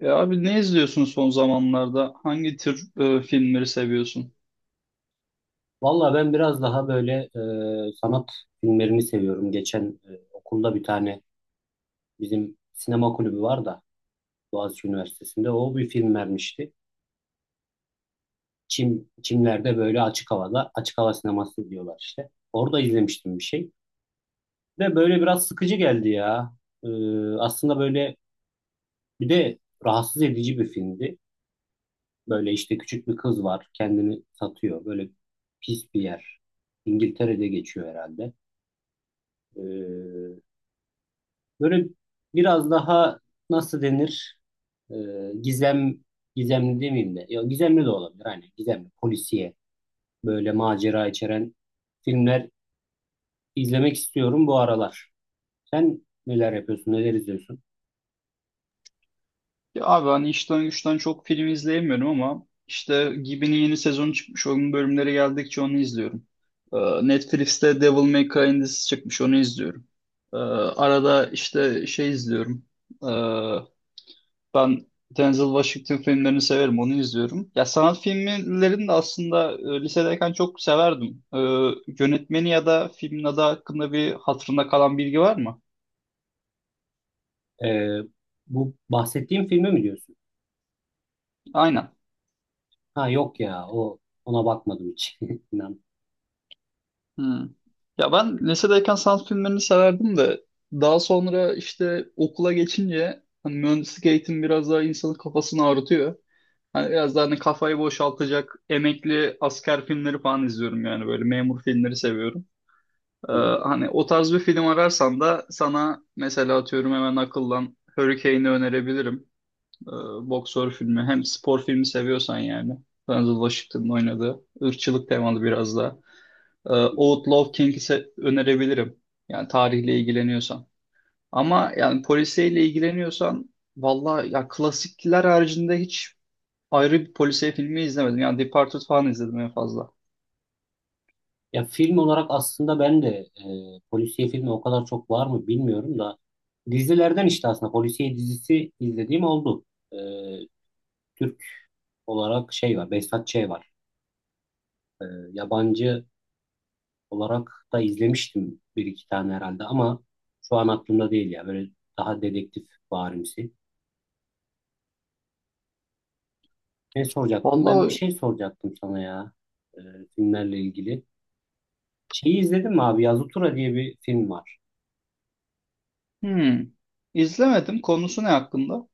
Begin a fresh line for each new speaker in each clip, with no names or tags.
Ya abi ne izliyorsun son zamanlarda? Hangi tür filmleri seviyorsun?
Valla ben biraz daha böyle sanat filmlerini seviyorum. Geçen okulda bir tane bizim sinema kulübü var da Boğaziçi Üniversitesi'nde o bir film vermişti. Çimler'de böyle açık havada açık hava sineması diyorlar işte. Orada izlemiştim bir şey. Ve böyle biraz sıkıcı geldi ya. E, aslında böyle bir de rahatsız edici bir filmdi. Böyle işte küçük bir kız var kendini satıyor. Böyle pis bir yer. İngiltere'de geçiyor herhalde. E, Böyle biraz daha nasıl denir? Ee, gizem gizemli demeyeyim de. Ya gizemli de olabilir hani gizemli polisiye böyle macera içeren filmler izlemek istiyorum bu aralar. Sen neler yapıyorsun? Neler izliyorsun?
Ya abi hani işten güçten çok film izleyemiyorum ama işte Gibi'nin yeni sezonu çıkmış. Onun bölümleri geldikçe onu izliyorum. E, Netflix'te Devil May Cry dizisi çıkmış. Onu izliyorum. Arada işte şey izliyorum. E, Ben Denzel Washington filmlerini severim. Onu izliyorum. Ya sanat filmlerini de aslında lisedeyken çok severdim. Yönetmeni ya da filmin adı hakkında bir hatırında kalan bilgi var mı?
Ee, bu bahsettiğim filmi mi diyorsun?
Aynen.
Ha yok ya ona bakmadım hiç. İnan.
Hmm. Ya ben lisedeyken sanat filmlerini severdim de daha sonra işte okula geçince hani mühendislik eğitim biraz daha insanın kafasını ağrıtıyor. Hani biraz daha hani kafayı boşaltacak emekli asker filmleri falan izliyorum yani böyle memur filmleri seviyorum. Ee,
Hmm,
Hani o tarz bir film ararsan da sana mesela atıyorum hemen akıllan Hurricane'i önerebilirim. Ee, Boksör filmi hem spor filmi seviyorsan yani. Denzel Washington'ın oynadığı ırkçılık temalı biraz da. Ee,
hmm.
Outlaw Kings'i önerebilirim. Yani tarihle ilgileniyorsan. Ama yani polisiyle ilgileniyorsan valla ya klasikler haricinde hiç ayrı bir polisiye filmi izlemedim. Yani Departed falan izledim en fazla.
Ya film olarak aslında ben de polisiye filmi o kadar çok var mı bilmiyorum da dizilerden işte aslında polisiye dizisi izlediğim oldu. E, Türk olarak şey var, Behzat Ç. var. E, yabancı olarak da izlemiştim bir iki tane herhalde ama şu an aklımda değil ya. Böyle daha dedektif varimsi. Ne soracaktım? Ben bir
Valla
şey soracaktım sana ya e, filmlerle ilgili. Şeyi izledin mi abi? Yazutura diye bir film var.
hmm, izlemedim. Konusu ne hakkında?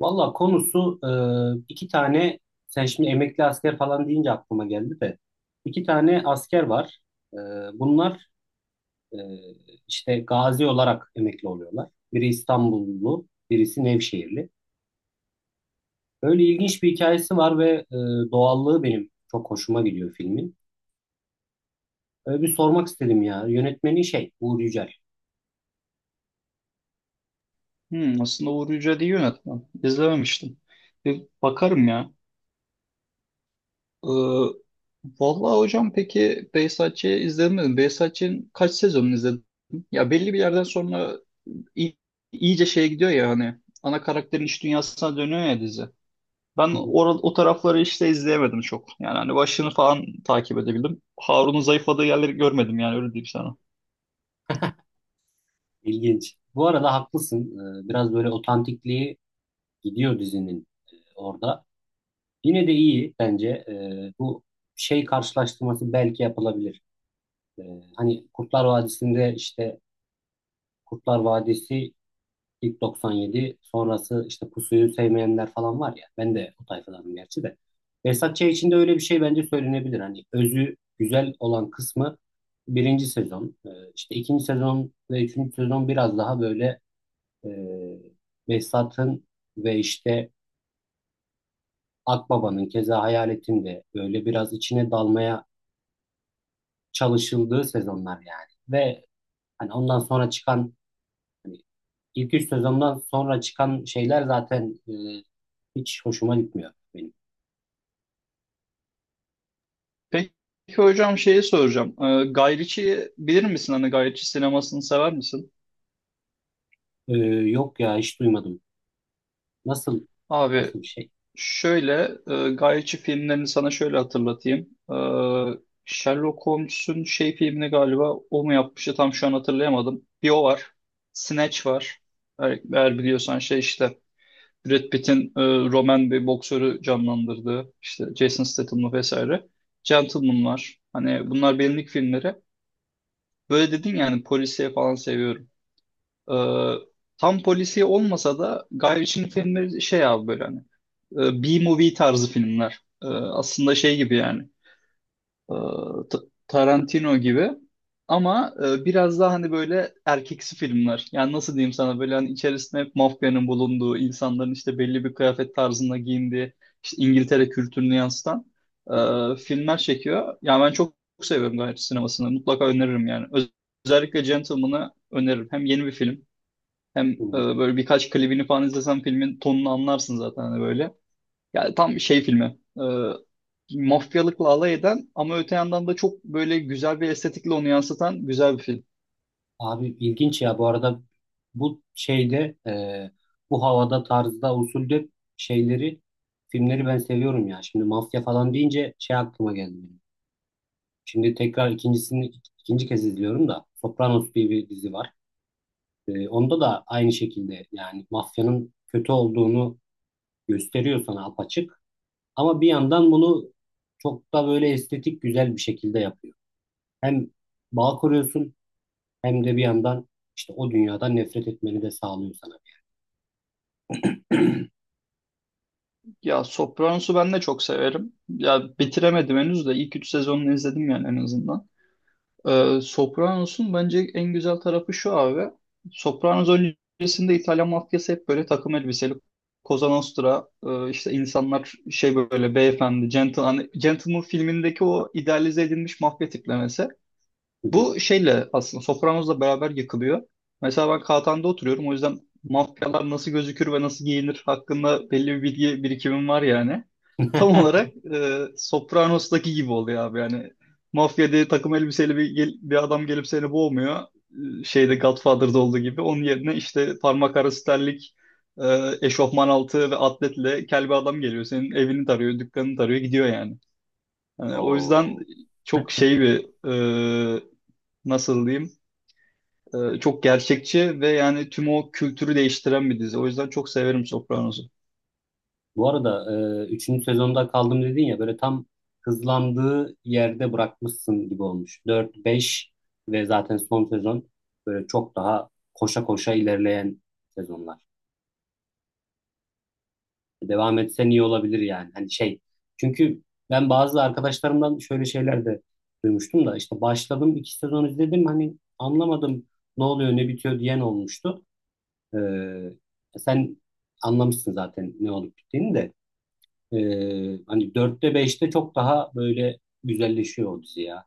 Valla konusu e, iki tane sen şimdi emekli asker falan deyince aklıma geldi de iki tane asker var. E, bunlar e, işte gazi olarak emekli oluyorlar. Biri İstanbullu, birisi Nevşehirli. Öyle ilginç bir hikayesi var ve doğallığı benim çok hoşuma gidiyor filmin. Öyle bir sormak istedim ya. Yönetmeni şey Uğur Yücel.
Hmm, aslında Uğur Yücel iyi yönetmen. İzlememiştim. Bir bakarım ya. Ee, Vallahi hocam peki Behzatçı'yı izledin mi? Behzatçı'nın kaç sezonunu izledim? Ya belli bir yerden sonra i- iyice şeye gidiyor ya hani ana karakterin iç dünyasına dönüyor ya dizi. Ben
Hı hı,
o tarafları işte izleyemedim çok. Yani hani başını falan takip edebildim. Harun'un zayıfladığı yerleri görmedim yani öyle diyeyim sana.
İlginç. Bu arada haklısın. Biraz böyle otantikliği gidiyor dizinin orada. Yine de iyi bence. Bu şey karşılaştırması belki yapılabilir. Ee, hani Kurtlar Vadisi ilk 97 sonrası işte Pusuyu sevmeyenler falan var ya. Ben de o tayfadanım gerçi de. Behzat Ç. için de öyle bir şey bence söylenebilir. Hani özü güzel olan kısmı birinci sezon. İşte ikinci sezon ve üçüncü sezon biraz daha böyle e, Behzat'ın ve işte Akbaba'nın keza Hayalet'in de böyle biraz içine dalmaya çalışıldığı sezonlar yani. Ve hani ondan sonra çıkan hani ilk üç sezondan sonra çıkan şeyler zaten hiç hoşuma gitmiyor benim.
Peki hocam şeyi soracağım. Guy Ritchie'yi bilir misin? Hani Guy Ritchie sinemasını sever misin?
E, yok ya hiç duymadım. Nasıl
Abi
nasıl bir şey?
şöyle Guy Ritchie filmlerini sana şöyle hatırlatayım. Ee, Sherlock Holmes'un şey filmini galiba o mu yapmıştı tam şu an hatırlayamadım. Bir o var. Snatch var. Eğer biliyorsan şey işte Brad Pitt'in Roman bir boksörü canlandırdığı işte Jason Statham'lı vesaire. Gentleman var. Hani bunlar benlik filmleri. Böyle dedin yani polisiye falan seviyorum. Ee, Tam polisiye olmasa da Guy Ritchie'nin filmleri şey abi böyle hani B-movie tarzı filmler. Aslında şey gibi yani e, Ta- Tarantino gibi ama biraz daha hani böyle erkeksi filmler. Yani nasıl diyeyim sana böyle hani içerisinde hep mafyanın bulunduğu, insanların işte belli bir kıyafet tarzında giyindiği, işte İngiltere kültürünü yansıtan
Hmm,
filmler çekiyor. Yani ben çok seviyorum Guy Ritchie sinemasını. Mutlaka öneririm yani. Özellikle Gentleman'ı öneririm. Hem yeni bir film hem
hmm.
böyle birkaç klibini falan izlesen filmin tonunu anlarsın zaten hani böyle. Yani tam şey filmi. Mafyalıkla alay eden ama öte yandan da çok böyle güzel bir estetikle onu yansıtan güzel bir film.
Abi ilginç ya bu arada bu şeyde bu havada tarzda usulde şeyleri filmleri ben seviyorum ya. Şimdi mafya falan deyince şey aklıma geldi benim. Şimdi tekrar ikincisini ikinci kez izliyorum da Sopranos diye bir dizi var. Onda da aynı şekilde yani mafyanın kötü olduğunu gösteriyor sana apaçık. Ama bir yandan bunu çok da böyle estetik güzel bir şekilde yapıyor. Hem bağ kuruyorsun hem de bir yandan işte o dünyadan nefret etmeni de sağlıyor sana.
Ya Sopranos'u ben de çok severim. Ya bitiremedim henüz de ilk 3 sezonunu izledim yani en azından. Sopranos'un bence en güzel tarafı şu abi. Sopranos öncesinde İtalyan mafyası hep böyle takım elbiseli. Cosa Nostra, işte insanlar şey böyle beyefendi, gentleman, gentleman filmindeki o idealize edilmiş mafya tiplemesi. Bu şeyle aslında Sopranos'la beraber yakılıyor. Mesela ben Katan'da oturuyorum. O yüzden mafyalar nasıl gözükür ve nasıl giyinir hakkında belli bir bilgi birikimim var yani. Tam olarak Sopranos'taki gibi oluyor abi yani. Mafya diye takım elbiseli bir, bir adam gelip seni boğmuyor. Şeyde Godfather'da olduğu gibi. Onun yerine işte parmak arası terlik, e, eşofman altı ve atletle kel bir adam geliyor. Senin evini tarıyor, dükkanını tarıyor, gidiyor yani. Yani o yüzden
Oo.
çok şey bir e, nasıl diyeyim çok gerçekçi ve yani tüm o kültürü değiştiren bir dizi. O yüzden çok severim Sopranos'u.
Bu arada üçüncü sezonda kaldım dedin ya böyle tam hızlandığı yerde bırakmışsın gibi olmuş. 4 5 ve zaten son sezon böyle çok daha koşa koşa ilerleyen sezonlar. Devam etsen iyi olabilir yani. Hani şey. Çünkü ben bazı arkadaşlarımdan şöyle şeyler de duymuştum da işte başladım iki sezon izledim hani anlamadım ne oluyor ne bitiyor diyen olmuştu. Ee, sen anlamışsın zaten ne olup bittiğini de. Hani dörtte beşte çok daha böyle güzelleşiyor o dizi ya.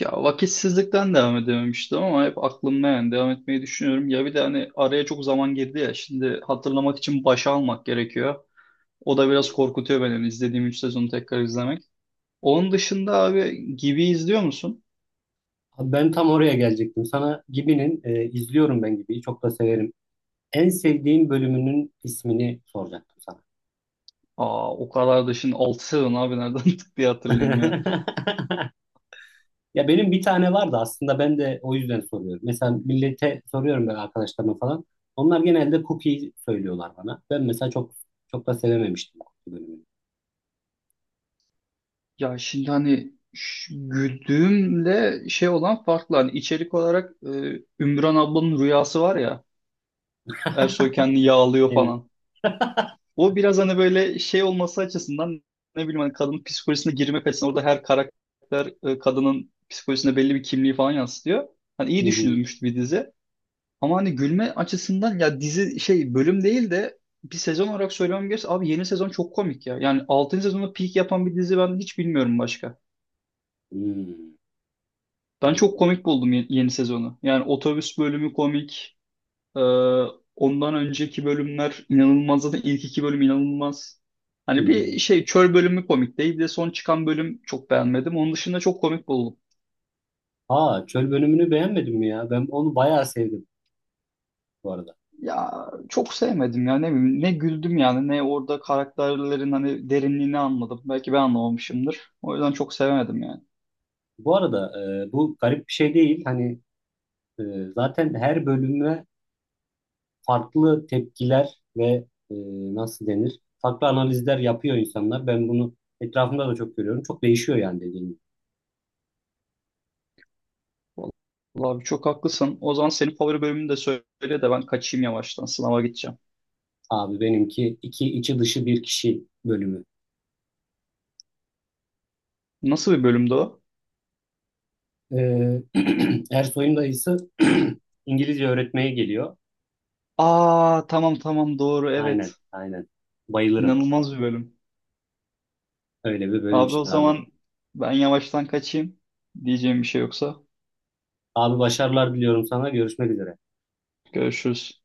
Ya vakitsizlikten devam edememiştim ama hep aklımda yani devam etmeyi düşünüyorum. Ya bir de hani araya çok zaman girdi ya şimdi hatırlamak için başa almak gerekiyor. O da biraz korkutuyor beni hani izlediğim 3 sezonu tekrar izlemek. Onun dışında abi Gibi izliyor musun?
Abi ben tam oraya gelecektim. Sana izliyorum ben Gibi'yi çok da severim. En sevdiğin bölümünün ismini soracaktım
Aa o kadar da şimdi 6 sezon abi nereden tık diye hatırlayayım ya.
sana. Ya benim bir tane vardı aslında ben de o yüzden soruyorum. Mesela millete soruyorum böyle arkadaşlarıma falan. Onlar genelde cookie söylüyorlar bana. Ben mesela çok da sevememiştim cookie bölümünü.
Ya şimdi hani güldüğümle şey olan farklı. Hani içerik olarak Ümran ablanın rüyası var ya. Ersoy kendini yağlıyor
Aynen.
falan. O biraz hani böyle şey olması açısından ne bileyim hani kadının psikolojisine girme açısından orada her karakter kadının psikolojisine belli bir kimliği falan yansıtıyor. Hani
Hı
iyi
hı.
düşünülmüş bir dizi. Ama hani gülme açısından ya dizi şey bölüm değil de bir sezon olarak söylemem gerekirse abi yeni sezon çok komik ya. Yani altıncı sezonda peak yapan bir dizi ben hiç bilmiyorum başka.
Hmm,
Ben çok
anladım.
komik buldum yeni sezonu. Yani otobüs bölümü komik. Ee, Ondan önceki bölümler inanılmaz. Zaten ilk iki bölüm inanılmaz.
Hı
Hani
hı.
bir şey çöl bölümü komik değil. Bir de son çıkan bölüm çok beğenmedim. Onun dışında çok komik buldum.
Aa çöl bölümünü beğenmedin mi ya? Ben onu bayağı sevdim bu arada.
Ya çok sevmedim ya ne bileyim ne güldüm yani ne orada karakterlerin hani derinliğini anladım. Belki ben anlamamışımdır. O yüzden çok sevemedim yani.
Bu arada bu garip bir şey değil. Hani e, zaten her bölüme farklı tepkiler ve e, nasıl denir? Farklı analizler yapıyor insanlar. Ben bunu etrafımda da çok görüyorum. Çok değişiyor yani dediğim gibi.
Vallahi abi çok haklısın. O zaman senin favori bölümünü de söyle de ben kaçayım yavaştan sınava gideceğim.
Abi benimki iki içi dışı bir kişi bölümü.
Nasıl bir bölümdü o?
Ee, Ersoy'un dayısı İngilizce öğretmeye geliyor.
Aa tamam tamam doğru
Aynen,
evet.
aynen. Bayılırım.
İnanılmaz bir bölüm.
Öyle bir bölüm
Abi o
işte abi.
zaman ben yavaştan kaçayım. Diyeceğim bir şey yoksa.
Abi başarılar diliyorum sana. Görüşmek üzere.
Görüşürüz.